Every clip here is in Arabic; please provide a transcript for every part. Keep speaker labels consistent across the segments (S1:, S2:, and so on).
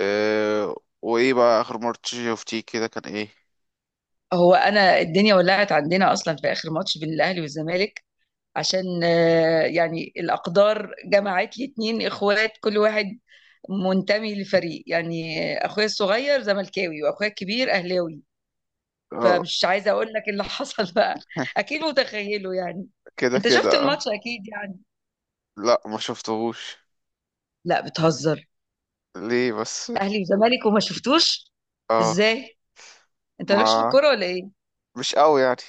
S1: أه، وايه بقى اخر مرة شفتيه كده كان ايه؟
S2: هو انا الدنيا ولعت عندنا اصلا في اخر ماتش بين الاهلي والزمالك، عشان يعني الاقدار جمعت لي اتنين اخوات، كل واحد منتمي لفريق يعني. اخويا الصغير زملكاوي واخويا الكبير اهلاوي.
S1: اه.
S2: فمش عايزه اقول لك اللي حصل بقى. اكيد متخيله يعني.
S1: كده
S2: انت شفت
S1: كده آه.
S2: الماتش اكيد يعني؟
S1: لا، ما شفتهوش.
S2: لا، بتهزر!
S1: ليه بس؟
S2: اهلي وزمالك وما شفتوش؟
S1: اه.
S2: ازاي؟ انت مالكش في
S1: ما
S2: الكوره ولا ايه؟
S1: مش قوي يعني.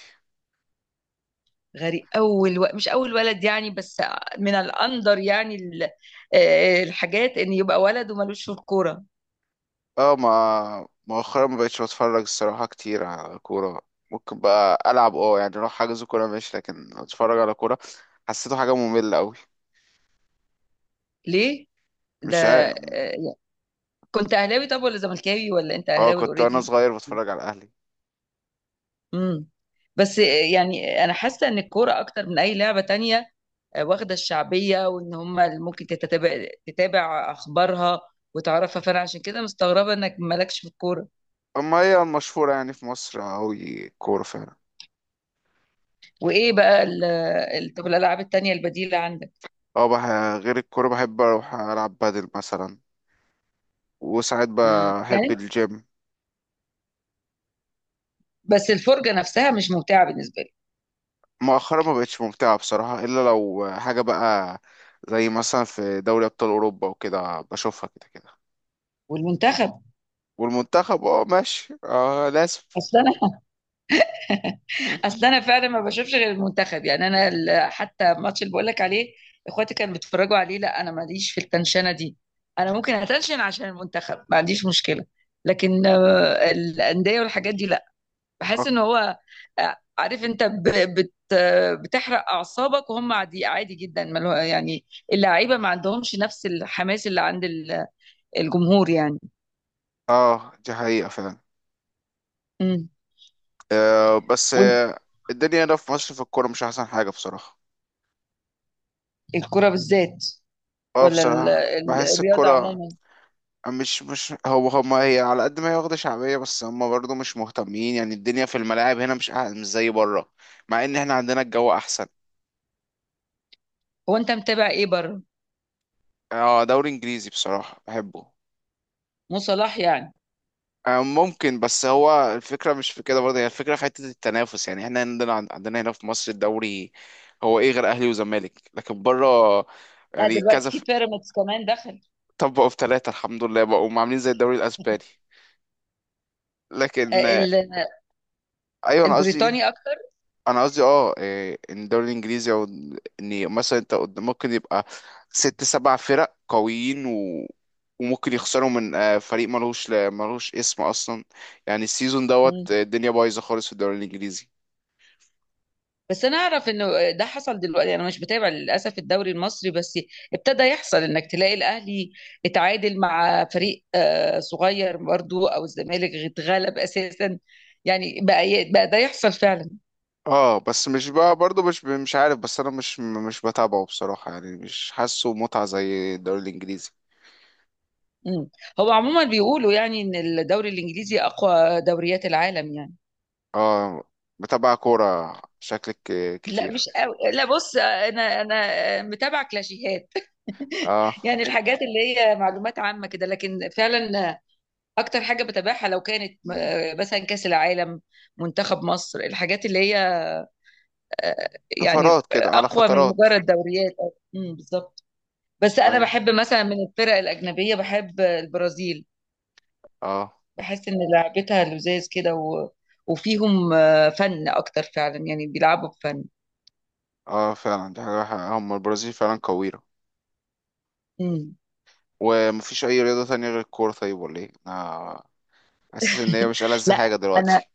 S2: غريب. مش اول ولد يعني، بس من الاندر يعني ال... آه، الحاجات، ان يبقى ولد ومالوش في الكوره.
S1: اه، ما مؤخرا ما بقتش بتفرج الصراحة كتير على كورة. ممكن بقى ألعب، يعني أروح حاجز كورة ماشي، لكن أتفرج على كورة حسيته حاجة مملة أوي.
S2: ليه؟ ده
S1: مش عارف.
S2: آه، كنت اهلاوي طب، ولا زملكاوي، ولا انت
S1: اه،
S2: اهلاوي
S1: كنت وأنا
S2: اوريدي؟
S1: صغير بتفرج على الأهلي.
S2: امم بس يعني انا حاسه ان الكوره اكتر من اي لعبه تانية. واخده الشعبيه، وان هم اللي ممكن تتابع اخبارها وتعرفها، فانا عشان كده مستغربه انك مالكش في الكوره.
S1: أما هي المشهورة يعني في مصر أوي كورة فعلا.
S2: وايه بقى طب الالعاب التانية البديله عندك؟
S1: اه، غير الكورة بحب أروح ألعب بادل مثلا، وساعات
S2: آه.
S1: بحب
S2: يعني
S1: الجيم.
S2: بس الفرجة نفسها مش ممتعة بالنسبة لي.
S1: مؤخرا ما بقتش ممتعة بصراحة، إلا لو حاجة بقى زي مثلا في دوري أبطال أوروبا وكده بشوفها كده كده.
S2: والمنتخب؟
S1: والمنتخب اه، ماشي، اه لازم.
S2: اصل انا اصل انا فعلا ما بشوفش غير المنتخب يعني. انا حتى الماتش اللي بقول لك عليه اخواتي كانوا بيتفرجوا عليه، لا انا ماليش في التنشنة دي. انا ممكن اتنشن عشان المنتخب، ما عنديش مشكلة، لكن الأندية والحاجات دي لا. بحس ان
S1: أك-
S2: هو عارف انت ب- بت بتحرق اعصابك، وهم عادي عادي جدا يعني. اللعيبة ما عندهمش نفس الحماس اللي عند الجمهور يعني.
S1: اه، دي حقيقة فعلا.
S2: مم.
S1: آه، بس الدنيا هنا في مصر في الكورة مش أحسن حاجة بصراحة.
S2: الكرة بالذات،
S1: اه
S2: ولا
S1: بصراحة، بحس
S2: الرياضة
S1: الكورة
S2: عموما؟
S1: مش هو هما هي، على قد ما هي واخدة شعبية بس هما برضو مش مهتمين. يعني الدنيا في الملاعب هنا مش زي بره، مع إن احنا عندنا الجو أحسن.
S2: هو انت متابع ايه بره؟
S1: اه، دوري انجليزي بصراحة بحبه.
S2: مو صلاح يعني؟
S1: آه، ممكن، بس هو الفكرة مش في كده برضه، هي الفكرة في حتة التنافس. يعني احنا عندنا هنا في مصر الدوري هو ايه غير اهلي وزمالك، لكن بره
S2: لا،
S1: يعني
S2: دلوقتي
S1: كذا
S2: في بيراميدز كمان دخل.
S1: طبقوا في ثلاثة الحمد لله، بقوا عاملين زي الدوري الاسباني. لكن
S2: آه، ال-
S1: ايوه انا قصدي،
S2: البريطاني اكتر.
S1: انا قصدي اه إيه، ان الدوري الانجليزي او ان مثلا انت ممكن يبقى ست سبع فرق قويين و... وممكن يخسروا من فريق ملوش اسم اصلا. يعني السيزون
S2: مم.
S1: دوت الدنيا بايظه خالص في الدوري الانجليزي.
S2: بس انا اعرف انه ده حصل دلوقتي، انا مش بتابع للاسف الدوري المصري. بس ابتدى يحصل انك تلاقي الاهلي اتعادل مع فريق صغير برضو، او الزمالك اتغلب اساسا. يعني بقى ده يحصل فعلا.
S1: اه، بس مش بقى برضه مش عارف، بس انا مش بتابعه بصراحه، يعني مش حاسه متعه زي الدوري الانجليزي.
S2: مم. هو عموما بيقولوا يعني ان الدوري الانجليزي اقوى دوريات العالم يعني.
S1: اه. بتابع كوره شكلك
S2: لا
S1: كتير.
S2: مش قوي. لا، بص، انا متابعه كلاشيهات
S1: اه،
S2: يعني الحاجات اللي هي معلومات عامه كده، لكن فعلا اكتر حاجه بتابعها لو كانت مثلا كاس العالم، منتخب مصر، الحاجات اللي هي آه، يعني
S1: طفرات كده على
S2: اقوى من
S1: فترات.
S2: مجرد دوريات. بالظبط. بس انا
S1: ايوه،
S2: بحب مثلا من الفرق الاجنبيه بحب البرازيل.
S1: اه،
S2: بحس ان لعبتها لذاذ كده، و... وفيهم فن اكتر فعلا، يعني بيلعبوا بفن.
S1: اه فعلا دي حاجة حقيقة. هم البرازيل فعلا قوية.
S2: امم
S1: ومفيش أي رياضة تانية غير الكورة طيب ولا ايه؟ أنا حاسس إن هي مش ألذ
S2: لا،
S1: حاجة
S2: انا
S1: دلوقتي.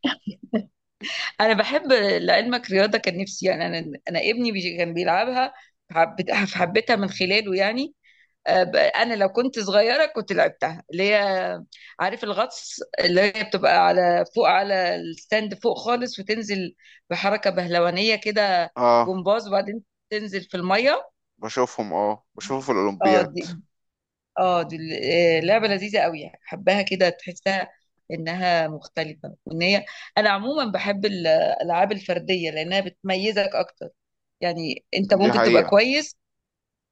S2: بحب لعلمك رياضه، كان نفسي يعني انا. انا ابني كان بيلعبها، حبيتها من خلاله يعني. انا لو كنت صغيره كنت لعبتها، اللي هي عارف الغطس، اللي هي بتبقى على فوق على الستاند فوق خالص، وتنزل بحركه بهلوانيه كده،
S1: اه،
S2: جمباز، وبعدين تنزل في الميه.
S1: بشوفهم في
S2: اه
S1: الأولمبياد.
S2: دي اه دي لعبه لذيذه قوي. حباها كده، تحسها انها مختلفه. وان هي، انا عموما بحب الالعاب الفرديه لانها بتميزك اكتر. يعني انت
S1: دي
S2: ممكن تبقى
S1: حقيقة.
S2: كويس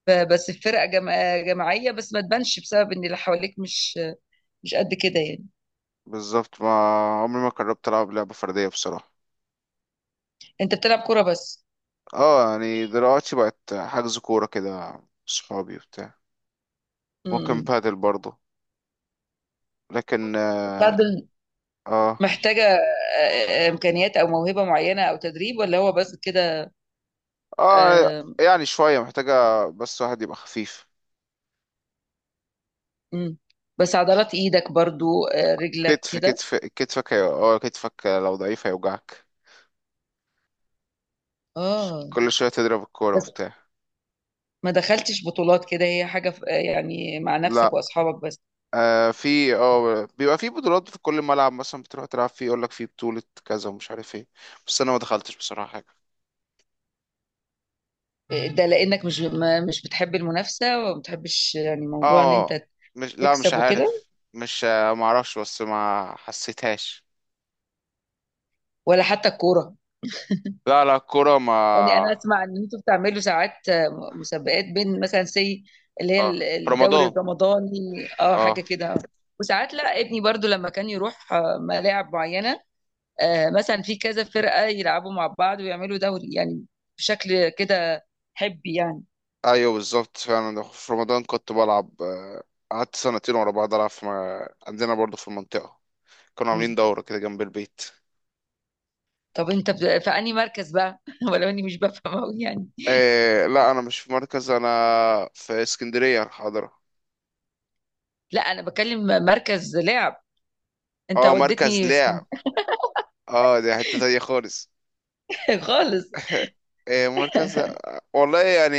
S2: بس في فرقه جماعيه، بس ما تبانش بسبب ان اللي حواليك مش قد كده يعني.
S1: بالظبط، ما عمري ما جربت ألعب لعبة فردية بصراحة.
S2: انت بتلعب كوره بس؟
S1: اه، يعني دلوقتي بقت حجز كورة كده صحابي وبتاع. ممكن
S2: امم
S1: بادل برضه، لكن
S2: البادل
S1: اه
S2: محتاجه امكانيات او موهبه معينه او تدريب، ولا هو بس كده؟
S1: آه،
S2: آه،
S1: يعني شوية محتاجة، بس واحد يبقى خفيف.
S2: مم. بس عضلات ايدك برضو، رجلك
S1: كتف
S2: كده.
S1: كتف كتفك هي- اه كتفك لو ضعيف هيوجعك،
S2: اه،
S1: كل شوية تضرب الكورة
S2: بس
S1: وبتاع.
S2: ما دخلتش بطولات كده، هي حاجه يعني مع نفسك
S1: لا،
S2: واصحابك بس؟
S1: آه في اه بيبقى في بطولات في كل ملعب مثلا بتروح تلعب فيه، يقول لك في بطولة كذا ومش عارف ايه، بس انا ما دخلتش بصراحة.
S2: ده لانك مش مش بتحب المنافسه، وما بتحبش يعني موضوع ان انت
S1: اه، مش لا مش
S2: تكسب وكده؟
S1: عارف. مش ما اعرفش، بس ما حسيتهاش.
S2: ولا حتى الكوره؟
S1: لا، لا، الكوره
S2: يعني انا
S1: ما.
S2: اسمع ان انتوا بتعملوا ساعات مسابقات بين، مثلا، اللي هي
S1: اه، في
S2: الدوري
S1: رمضان.
S2: الرمضاني، اه، حاجه
S1: اه،
S2: كده. وساعات، لا، ابني برضو لما كان يروح ملاعب معينه، مثلا في كذا فرقه يلعبوا مع بعض ويعملوا دوري يعني، بشكل كده حبي يعني.
S1: ايوه بالظبط فعلا في رمضان كنت بلعب، قعدت سنتين ورا بعض العب في عندنا برضه في المنطقه، كانوا عاملين
S2: مم.
S1: دوره كده جنب البيت.
S2: طب انت في انهي مركز بقى ولو اني مش بفهم أوي يعني؟
S1: إيه، لا انا مش في مركز، انا في اسكندريه الحاضره.
S2: لا انا بكلم مركز لعب. انت
S1: اه، مركز
S2: وديتني
S1: لعب. اه، دي حته تانية خالص.
S2: خالص.
S1: إيه، مركز، والله يعني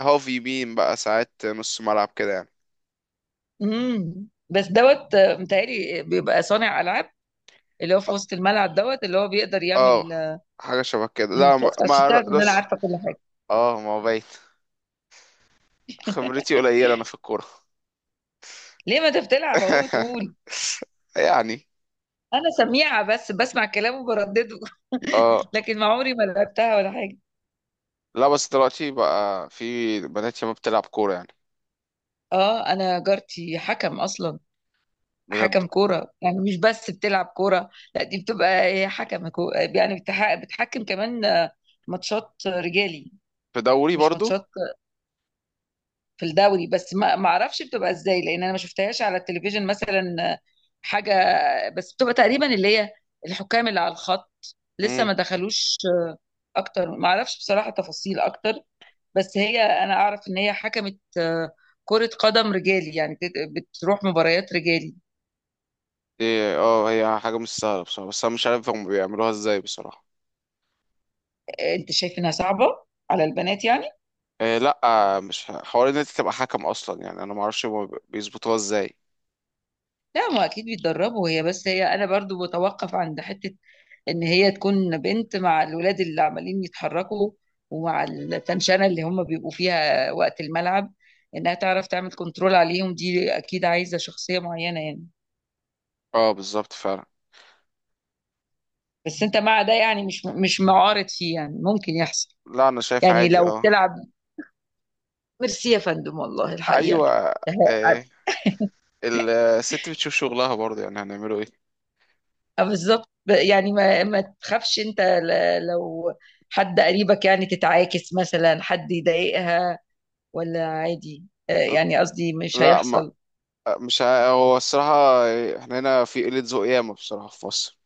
S1: هاف يمين بقى ساعات نص ملعب كده يعني.
S2: بس دوت، متهيألي بيبقى صانع العاب، اللي هو في وسط الملعب، دوت اللي هو بيقدر
S1: اه،
S2: يعمل
S1: حاجة شبه كده. لا،
S2: شفت، عشان تعرف ان انا
S1: بص.
S2: عارفه كل حاجه.
S1: اه، ما هو بايت، خبرتي قليلة انا في الكورة.
S2: ليه، ما انت بتلعب اهو وتقول؟
S1: يعني
S2: انا سميعه، بس بسمع كلامه وبردده
S1: اه.
S2: لكن ما عمري ما لعبتها ولا حاجه.
S1: لا بس دلوقتي بقى في بنات شباب بتلعب كورة يعني.
S2: اه، انا جارتي حكم اصلا.
S1: بجد.
S2: حكم كوره يعني، مش بس بتلعب كوره، لا، دي بتبقى إيه، حكم يعني بتحكم كمان ماتشات رجالي.
S1: في دوري
S2: مش
S1: برضو.
S2: ماتشات، في الدوري. بس ما ما اعرفش بتبقى ازاي، لان انا ما شفتهاش على التلفزيون مثلا حاجه. بس بتبقى تقريبا اللي هي الحكام اللي على الخط، لسه
S1: امم.
S2: ما دخلوش اكتر. ما اعرفش بصراحه تفاصيل اكتر، بس هي، انا اعرف ان هي حكمت كره قدم رجالي يعني، بتروح مباريات رجالي.
S1: إيه اه هي حاجة مش سهلة بصراحة، بس انا مش عارف هم بيعملوها ازاي بصراحة.
S2: انت شايف انها صعبه على البنات يعني؟
S1: إيه، لا مش حوار ان انت تبقى حكم اصلا، يعني انا ما اعرفش هم بيظبطوها ازاي.
S2: لا، ما اكيد بيتدربوا. هي، بس هي، انا برضو بتوقف عند حته، ان هي تكون بنت مع الولاد اللي عمالين يتحركوا، ومع التنشنه اللي هم بيبقوا فيها وقت الملعب، انها تعرف تعمل كنترول عليهم، دي اكيد عايزه شخصيه معينه يعني.
S1: اه، بالظبط فعلا.
S2: بس انت مع ده يعني، مش معارض فيه، يعني ممكن يحصل
S1: لا، انا شايف
S2: يعني
S1: عادي.
S2: لو
S1: اه،
S2: بتلعب؟ ميرسي يا فندم، والله الحقيقه
S1: ايوه. آه. الست بتشوف شغلها برضه، يعني هنعمله ايه؟
S2: اه بالظبط. يعني ما ما تخافش انت لو حد قريبك يعني تتعاكس مثلا، حد يضايقها، ولا عادي؟ اه، يعني قصدي مش
S1: لا، ما
S2: هيحصل.
S1: مش ع- هو الصراحة احنا هنا في قلة ذوق ياما بصراحة في مصر.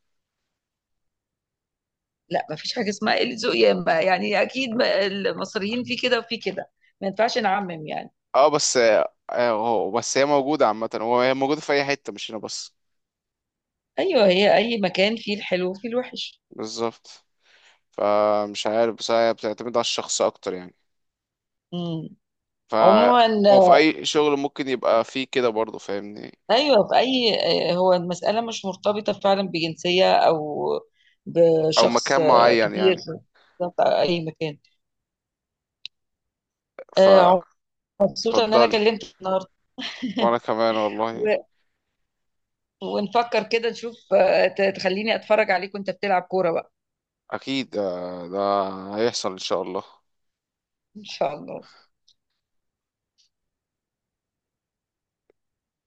S2: لا، ما فيش حاجة اسمها قلة ذوق يا اما، يعني اكيد المصريين في كده وفي كده، ما ينفعش نعمم يعني.
S1: اه، بس بس هي موجودة عامة، هي موجودة في أي حتة مش هنا بس.
S2: ايوه، هي اي مكان فيه الحلو وفيه الوحش.
S1: بالظبط، فمش عارف، بس هي بتعتمد على الشخص أكتر يعني.
S2: امم
S1: ف،
S2: عموما،
S1: هو في أي شغل ممكن يبقى فيه كده برضه فاهمني،
S2: ايوه، في اي هو المسألة مش مرتبطة فعلا بجنسية، او
S1: أو
S2: بشخص
S1: مكان معين
S2: كبير.
S1: يعني.
S2: بالظبط، أو اي مكان.
S1: ف
S2: آه، مبسوطة ان انا
S1: اتفضلي.
S2: كلمت النهارده.
S1: وأنا كمان والله،
S2: و- ونفكر كده، نشوف تخليني اتفرج عليك وانت بتلعب كورة بقى.
S1: اكيد ده هيحصل ان شاء الله.
S2: ان شاء الله.